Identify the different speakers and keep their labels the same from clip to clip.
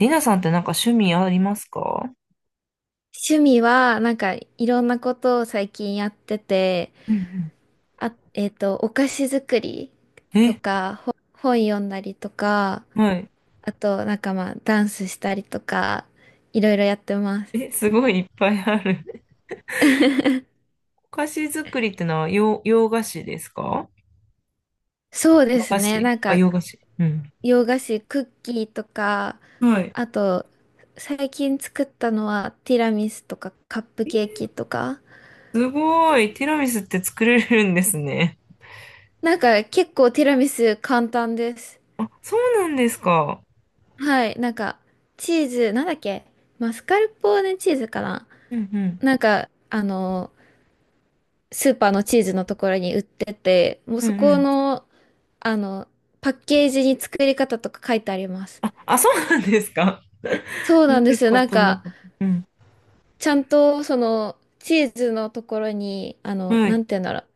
Speaker 1: りなさんってなんか趣味ありますか？
Speaker 2: 趣味は、いろんなことを最近やってて、
Speaker 1: うんう
Speaker 2: お菓子作り
Speaker 1: ん。
Speaker 2: と
Speaker 1: え、
Speaker 2: か、本読んだりとか、
Speaker 1: はい。
Speaker 2: あと、ダンスしたりとか、いろいろやってます。
Speaker 1: え、すごいいっぱいある。お菓子作りってのは洋菓子ですか？
Speaker 2: そうで
Speaker 1: 和
Speaker 2: す
Speaker 1: 菓
Speaker 2: ね。
Speaker 1: 子、あ、洋菓子。うん。
Speaker 2: 洋菓子、クッキーとか、
Speaker 1: はい。
Speaker 2: あと、最近作ったのは、ティラミスとか、カップケーキとか、
Speaker 1: すごい。ティラミスって作れるんですね。
Speaker 2: 結構ティラミス簡単です。
Speaker 1: あ、そうなんですか。
Speaker 2: はい、チーズ、なんだっけ。マスカルポーネチーズかな。
Speaker 1: うんうん。
Speaker 2: なんか、あの、スーパーのチーズのところに売ってて、もう
Speaker 1: う
Speaker 2: そ
Speaker 1: んう
Speaker 2: こ
Speaker 1: ん。
Speaker 2: の、あの、パッケージに作り方とか書いてあります。
Speaker 1: あ、そうなんですか。
Speaker 2: そ う
Speaker 1: 見
Speaker 2: なんで
Speaker 1: た
Speaker 2: すよ。
Speaker 1: ことなかった。うん。
Speaker 2: ちゃんと、チーズのところに、
Speaker 1: は
Speaker 2: な
Speaker 1: い。
Speaker 2: んて言うんだろう。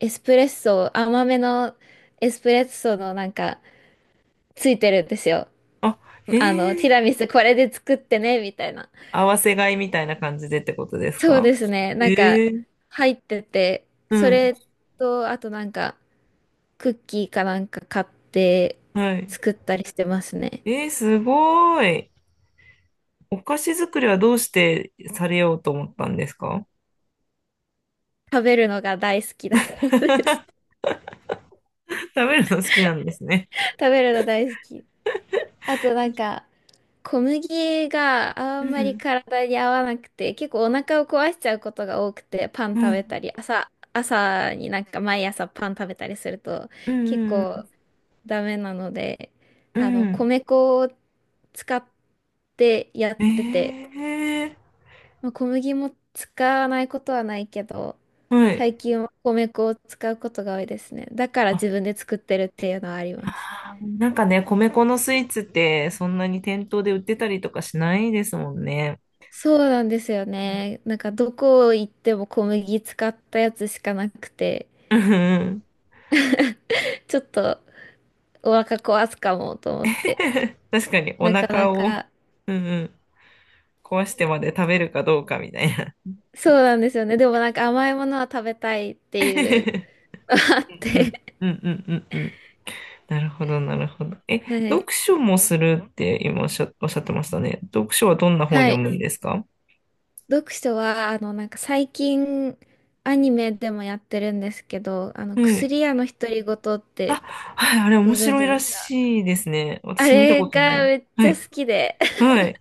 Speaker 2: エスプレッソ、甘めのエスプレッソのついてるんですよ。
Speaker 1: あ、へ
Speaker 2: テ
Speaker 1: え。
Speaker 2: ィラミスこれで作ってね、みたいな。
Speaker 1: 合わせ買いみたいな感じでってことです
Speaker 2: そう
Speaker 1: か？
Speaker 2: ですね。
Speaker 1: ええ。
Speaker 2: 入ってて、
Speaker 1: う
Speaker 2: そ
Speaker 1: ん。
Speaker 2: れと、あとクッキーかなんか買って
Speaker 1: はい。
Speaker 2: 作ったりしてますね。
Speaker 1: えー、すごい。お菓子作りはどうしてされようと思ったんですか？
Speaker 2: 食べるのが大好きだからです。
Speaker 1: 食べるの好きなんです ね。
Speaker 2: 食べるの大好き。あと小麦があ
Speaker 1: う
Speaker 2: んまり
Speaker 1: ん。
Speaker 2: 体に合わなくて、結構お腹を壊しちゃうことが多くて、パン
Speaker 1: う
Speaker 2: 食べた
Speaker 1: ん。
Speaker 2: り、朝になんか毎朝パン食べたりすると、
Speaker 1: う
Speaker 2: 結構
Speaker 1: ん。
Speaker 2: ダメなので、
Speaker 1: うん。うん。
Speaker 2: 米粉を使ってやってて、
Speaker 1: え
Speaker 2: まあ、小麦も使わないことはないけど、
Speaker 1: ー、はい。
Speaker 2: 最近は米粉を使うことが多いですね。だから
Speaker 1: あ、
Speaker 2: 自分で作ってるっていうのはあります。
Speaker 1: なんかね、米粉のスイーツってそんなに店頭で売ってたりとかしないですもんね。
Speaker 2: そうなんですよね。なんかどこ行っても小麦使ったやつしかなくて、
Speaker 1: うんうん。
Speaker 2: ちょっとお腹壊すかもと思って。
Speaker 1: 確かにお
Speaker 2: なかな
Speaker 1: 腹を、
Speaker 2: か、
Speaker 1: うんうん、壊してまで食べるかどうかみたいな。
Speaker 2: そうなんですよね。でもなんか甘いものは食べたいっていう のがあっ
Speaker 1: うん
Speaker 2: て。
Speaker 1: うんうんうんうんうん。なるほど、なるほど。え、
Speaker 2: は
Speaker 1: 読
Speaker 2: い。
Speaker 1: 書もするって今おっしゃってましたね。読書はどんな本を
Speaker 2: は
Speaker 1: 読
Speaker 2: い。
Speaker 1: むんですか？
Speaker 2: 読書は、最近、アニメでもやってるんですけど、
Speaker 1: はい。
Speaker 2: 薬屋の独り言って、
Speaker 1: はい、あれ
Speaker 2: ご
Speaker 1: 面
Speaker 2: 存
Speaker 1: 白
Speaker 2: 知
Speaker 1: い
Speaker 2: で
Speaker 1: ら
Speaker 2: すか？
Speaker 1: しいですね。
Speaker 2: あ
Speaker 1: 私見た
Speaker 2: れ
Speaker 1: ことな
Speaker 2: が
Speaker 1: い。
Speaker 2: めっ
Speaker 1: は
Speaker 2: ちゃ
Speaker 1: い。
Speaker 2: 好きで、
Speaker 1: はい。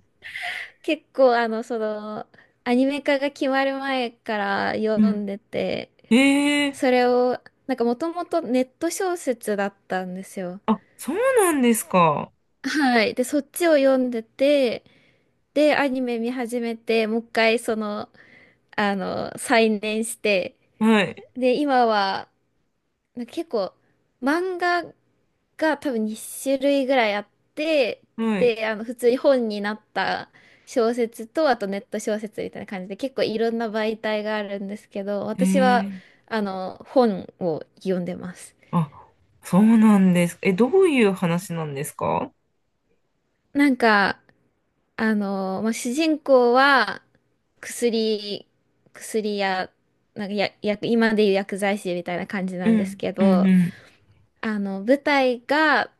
Speaker 2: 結構、アニメ化が決まる前から読
Speaker 1: う
Speaker 2: んでて、
Speaker 1: ん。ええ、
Speaker 2: それを、なんかもともとネット小説だったんですよ。
Speaker 1: あ、そうなんですか。
Speaker 2: はい。で、そっちを読んでて、で、アニメ見始めて、もう一回、再燃して、
Speaker 1: はい。
Speaker 2: で、今は、結構、漫画が多分2種類ぐらいあって、
Speaker 1: はい。
Speaker 2: で、普通に本になった小説と、あとネット小説みたいな感じで、結構いろんな媒体があるんですけど、私は、
Speaker 1: ええ、
Speaker 2: 本を読んでます。
Speaker 1: あ、そうなんです。え、どういう話なんですか？
Speaker 2: なんか、主人公は、薬、薬や、なんかや、薬今でいう薬剤師みたいな感じな
Speaker 1: う
Speaker 2: んです
Speaker 1: ん。
Speaker 2: け
Speaker 1: うん、
Speaker 2: ど、
Speaker 1: うん。
Speaker 2: 舞台が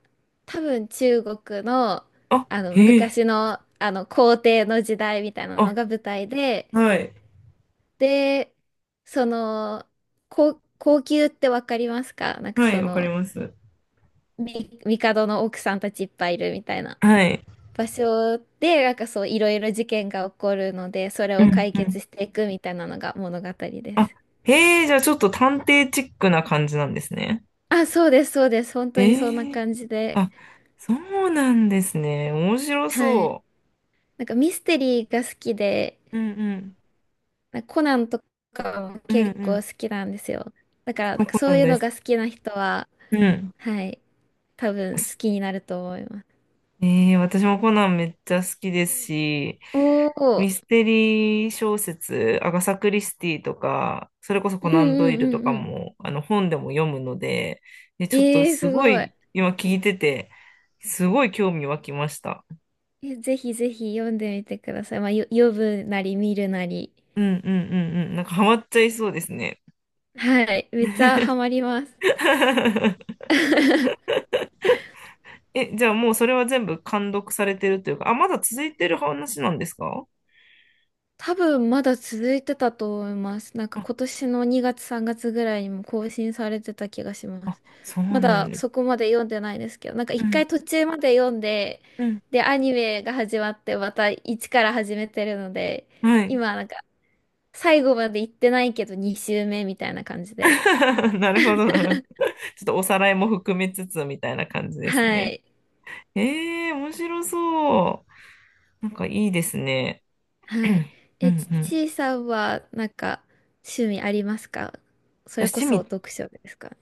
Speaker 2: 多分中国の、
Speaker 1: あ、へえ。
Speaker 2: 昔の、皇帝の時代みたいな
Speaker 1: あ、
Speaker 2: のが舞台で、
Speaker 1: はい。
Speaker 2: で、その、皇宮ってわかりますか？
Speaker 1: はい、わかります。
Speaker 2: み、帝の奥さんたちいっぱいいるみたいな
Speaker 1: はい。
Speaker 2: 場所で、なんかそう、いろいろ事件が起こるので、それ
Speaker 1: う
Speaker 2: を
Speaker 1: ん。
Speaker 2: 解決していくみたいなのが物語で
Speaker 1: あ、
Speaker 2: す。
Speaker 1: へえ、じゃあちょっと探偵チックな感じなんですね。
Speaker 2: あ、そうです、そうです。本当にそんな
Speaker 1: ええ、
Speaker 2: 感じで。
Speaker 1: あ、そうなんですね。面白
Speaker 2: はい。
Speaker 1: そ
Speaker 2: なんかミステリーが好きで、
Speaker 1: う。うんうん。
Speaker 2: なんかコナンとかも
Speaker 1: うんう
Speaker 2: 結構
Speaker 1: ん。
Speaker 2: 好きなんですよ。だか
Speaker 1: 私
Speaker 2: ら、な
Speaker 1: も
Speaker 2: んか
Speaker 1: コ
Speaker 2: そ
Speaker 1: ナ
Speaker 2: う
Speaker 1: ン
Speaker 2: いう
Speaker 1: 大
Speaker 2: の
Speaker 1: 好
Speaker 2: が
Speaker 1: き。
Speaker 2: 好きな人は、
Speaker 1: うん。
Speaker 2: はい、多分好きになると思います。
Speaker 1: ええ、私もコナンめっちゃ好きですし、
Speaker 2: おお、
Speaker 1: ミステリー小説、アガサ・クリスティとか、それこそ
Speaker 2: う
Speaker 1: コ
Speaker 2: ん
Speaker 1: ナンド
Speaker 2: う
Speaker 1: イ
Speaker 2: ん
Speaker 1: ルと
Speaker 2: う
Speaker 1: か
Speaker 2: んうん。
Speaker 1: も、あの本でも読むので、で、ちょっと
Speaker 2: えー、
Speaker 1: す
Speaker 2: す
Speaker 1: ご
Speaker 2: ごい。
Speaker 1: い、今聞いてて、すごい興味湧きました。
Speaker 2: え、ぜひぜひ読んでみてください。まあ、読むなり見るなり。
Speaker 1: うんうんうんうん。なんかハマっちゃいそうですね。
Speaker 2: はい、めっちゃハマります。
Speaker 1: え、じゃあもうそれは全部完読されてるというか、あ、まだ続いてる話なんですか？
Speaker 2: 多分まだ続いてたと思います。なんか
Speaker 1: あ、
Speaker 2: 今年の2月3月ぐらいにも更新されてた気がしま
Speaker 1: あ、
Speaker 2: す。
Speaker 1: そう
Speaker 2: ま
Speaker 1: なん
Speaker 2: だ
Speaker 1: です。
Speaker 2: そこまで読んでないですけど、なんか
Speaker 1: う
Speaker 2: 一
Speaker 1: ん、
Speaker 2: 回途中まで読んで、
Speaker 1: うん。
Speaker 2: で、アニメが始まってまた一から始めてるので、
Speaker 1: はい。
Speaker 2: 今なんか最後まで行ってないけど2週目みたいな感じで。
Speaker 1: なるほど、なるほど。ちょっとおさらいも含めつつみたいな感じです
Speaker 2: は
Speaker 1: ね。
Speaker 2: い。
Speaker 1: えー、面白そう。なんかいいですね。
Speaker 2: はい。
Speaker 1: うんう
Speaker 2: ち
Speaker 1: ん。
Speaker 2: いさんはなんか趣味ありますか？それこ
Speaker 1: 私、趣
Speaker 2: そ
Speaker 1: 味、
Speaker 2: 読書ですか？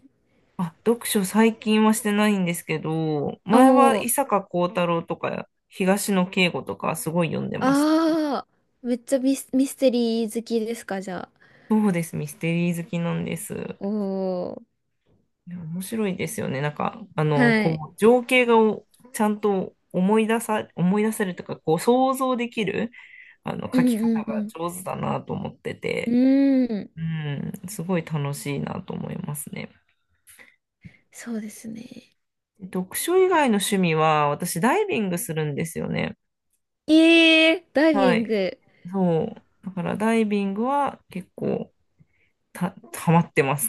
Speaker 1: あ、読書最近はしてないんですけど、
Speaker 2: お
Speaker 1: 前は
Speaker 2: おー。
Speaker 1: 伊坂幸太郎とか東野圭吾とかすごい読んでました。
Speaker 2: ああ、めっちゃミス、ミステリー好きですか、じゃあ。
Speaker 1: そうです、ミステリー好きなんです。
Speaker 2: おー。
Speaker 1: いや面白いですよね。なんか、あの、
Speaker 2: はい。
Speaker 1: こう、情景がおちゃんと思い出せるとか、こう、想像できる、あの、
Speaker 2: う
Speaker 1: 書き方が
Speaker 2: んうんう
Speaker 1: 上手だなと思って
Speaker 2: ん。
Speaker 1: て、
Speaker 2: うーん。
Speaker 1: うん、すごい楽しいなと思いますね。
Speaker 2: そうですね。
Speaker 1: 読書以外の趣味は、私、ダイビングするんですよね。
Speaker 2: ええー、ダイ
Speaker 1: は
Speaker 2: ビン
Speaker 1: い。
Speaker 2: グ。
Speaker 1: そう。だからダイビングは結構ハマってます。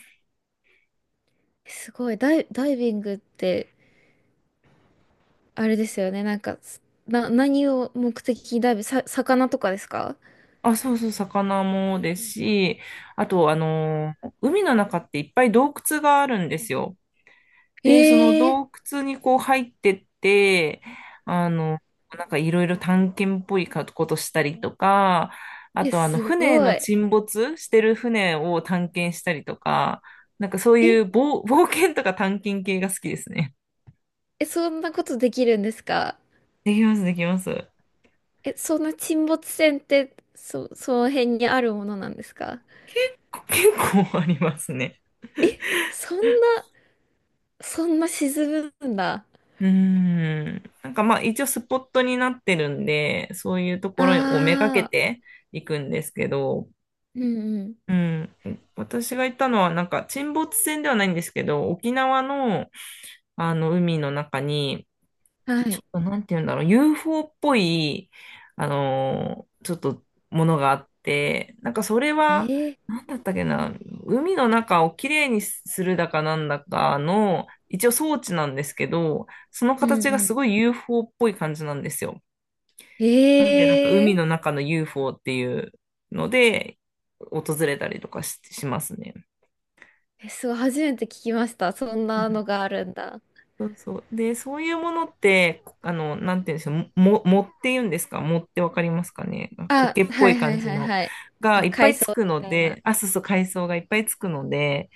Speaker 2: すごい。ダイビングって、あれですよね。何を目的にダイビング、魚とかですか？
Speaker 1: あ、そうそう、魚もですし、あと、海の中っていっぱい洞窟があるんですよ。
Speaker 2: え
Speaker 1: で、その
Speaker 2: え
Speaker 1: 洞窟にこう入ってって、あの、なんかいろいろ探検っぽいことしたりとか、あ
Speaker 2: ー、え、
Speaker 1: と、あの、
Speaker 2: すごい。
Speaker 1: 沈没してる船を探検したりとか、なんかそう
Speaker 2: え、
Speaker 1: いう冒険とか探検系が好きですね。
Speaker 2: え、そんなことできるんですか？
Speaker 1: できます、できます。
Speaker 2: え、そんな沈没船って、その辺にあるものなんですか？
Speaker 1: 結結構ありますね。
Speaker 2: え、そんな。そんな沈むんだ。
Speaker 1: うーん。なんかまあ一応スポットになってるんで、そういうと
Speaker 2: あ
Speaker 1: ころをめがけ
Speaker 2: あ、
Speaker 1: ていくんですけど、
Speaker 2: うんうん。
Speaker 1: うん。私が行ったのはなんか沈没船ではないんですけど、沖縄のあの海の中に
Speaker 2: は
Speaker 1: ちょっ
Speaker 2: い。
Speaker 1: となんて言うんだろう、UFO っぽい、ちょっとものがあって、なんかそれは、
Speaker 2: ええ、
Speaker 1: なんだったっけな、海の中をきれいにするだかなんだかの、一応装置なんですけど、その
Speaker 2: う
Speaker 1: 形が
Speaker 2: んう
Speaker 1: す
Speaker 2: ん。
Speaker 1: ごい UFO っぽい感じなんですよ。なん
Speaker 2: え、
Speaker 1: で、なんか海
Speaker 2: え、
Speaker 1: の中の UFO っていうので、訪れたりとかしますね。
Speaker 2: え、そう、初めて聞きました。そんなのがあるんだ。
Speaker 1: そうそう。で、そういうものって、あの、なんて言うんでしょう、もって言うんですか、もってわかりますかね？
Speaker 2: あ、
Speaker 1: 苔っぽ
Speaker 2: は
Speaker 1: い
Speaker 2: いは
Speaker 1: 感
Speaker 2: い
Speaker 1: じ
Speaker 2: はい
Speaker 1: の
Speaker 2: はい。
Speaker 1: がいっぱ
Speaker 2: 海
Speaker 1: い
Speaker 2: 藻
Speaker 1: つく
Speaker 2: み
Speaker 1: の
Speaker 2: たいな。
Speaker 1: で、あ、そうそう、海藻がいっぱいつくので、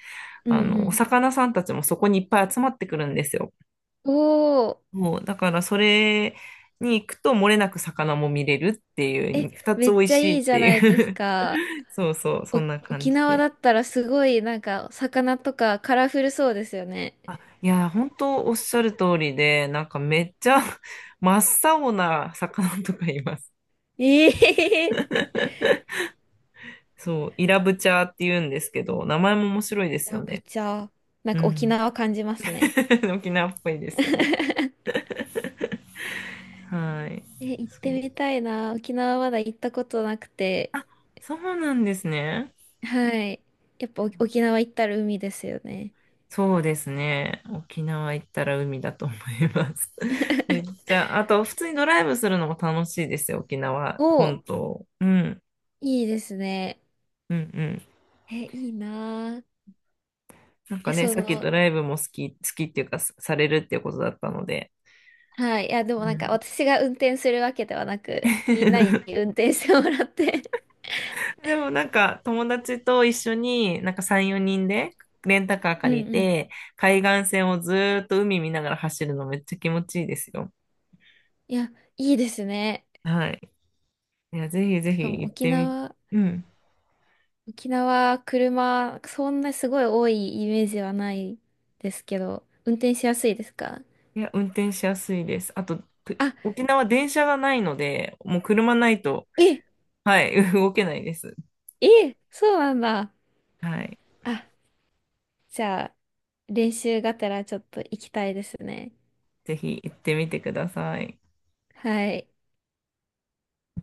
Speaker 2: う
Speaker 1: あ
Speaker 2: んう
Speaker 1: の、お
Speaker 2: ん。
Speaker 1: 魚さんたちもそこにいっぱい集まってくるんですよ。
Speaker 2: おお、
Speaker 1: もう、だからそれに行くと漏れなく魚も見れるってい
Speaker 2: え、
Speaker 1: う、二つ
Speaker 2: め
Speaker 1: 美
Speaker 2: っ
Speaker 1: 味
Speaker 2: ちゃ
Speaker 1: しいっ
Speaker 2: いいじゃ
Speaker 1: て
Speaker 2: ないで
Speaker 1: い
Speaker 2: す
Speaker 1: う。
Speaker 2: か。
Speaker 1: そうそう、そ
Speaker 2: お、
Speaker 1: んな感
Speaker 2: 沖
Speaker 1: じ
Speaker 2: 縄
Speaker 1: で。
Speaker 2: だったらすごい、なんか、魚とかカラフルそうですよね。
Speaker 1: あ、いや、本当おっしゃる通りで、なんかめっちゃ真っ青な魚とかいます。
Speaker 2: ええ、
Speaker 1: そう、イラブチャーって言うんですけど、名前も面白いで
Speaker 2: イ
Speaker 1: す
Speaker 2: ラ
Speaker 1: よ
Speaker 2: ブ
Speaker 1: ね。
Speaker 2: チャー。なん
Speaker 1: う
Speaker 2: か沖
Speaker 1: ん。
Speaker 2: 縄感じますね。
Speaker 1: 沖縄っぽいですよね。はい。
Speaker 2: え、行っ
Speaker 1: そ
Speaker 2: てみ
Speaker 1: う。
Speaker 2: たいな。沖縄まだ行ったことなくて。
Speaker 1: そうなんですね。
Speaker 2: はい。やっぱ沖縄行ったら海ですよね。
Speaker 1: そうですね。沖縄行ったら海だと思います。めっちゃ、あと、普通にドライブするのも楽しいですよ、沖縄
Speaker 2: お、
Speaker 1: 本島。うん、
Speaker 2: いいですね。
Speaker 1: うん、うん。
Speaker 2: え、いいなあ。
Speaker 1: なんか
Speaker 2: え、
Speaker 1: ね、
Speaker 2: そ
Speaker 1: さっきド
Speaker 2: の、
Speaker 1: ライブも好き、好きっていうか、さされるっていうことだったので。
Speaker 2: はい。いや、でも
Speaker 1: う
Speaker 2: なん
Speaker 1: ん。
Speaker 2: か私が運転するわけではなく、みんなに 運転してもらって。
Speaker 1: でもなんか友達と一緒になんか3、4人でレンタカー
Speaker 2: うん
Speaker 1: 借
Speaker 2: う
Speaker 1: り
Speaker 2: ん。
Speaker 1: て海岸線をずーっと海見ながら走るのめっちゃ気持ちいいですよ。
Speaker 2: いや、いいですね。
Speaker 1: はい。いや、ぜひぜ
Speaker 2: しかも
Speaker 1: ひ行っ
Speaker 2: 沖
Speaker 1: てみ、
Speaker 2: 縄、
Speaker 1: うん。
Speaker 2: 沖縄、車、そんなすごい多いイメージはないですけど、運転しやすいですか？
Speaker 1: いや、運転しやすいです。あと、く
Speaker 2: あ、
Speaker 1: 沖縄電車がないので、もう車ないと、
Speaker 2: え、
Speaker 1: はい、動けないです。
Speaker 2: え、そうなんだ。
Speaker 1: はい。
Speaker 2: あ、じゃあ、練習がてらちょっと行きたいですね。
Speaker 1: ぜひ行ってみてください。
Speaker 2: はい。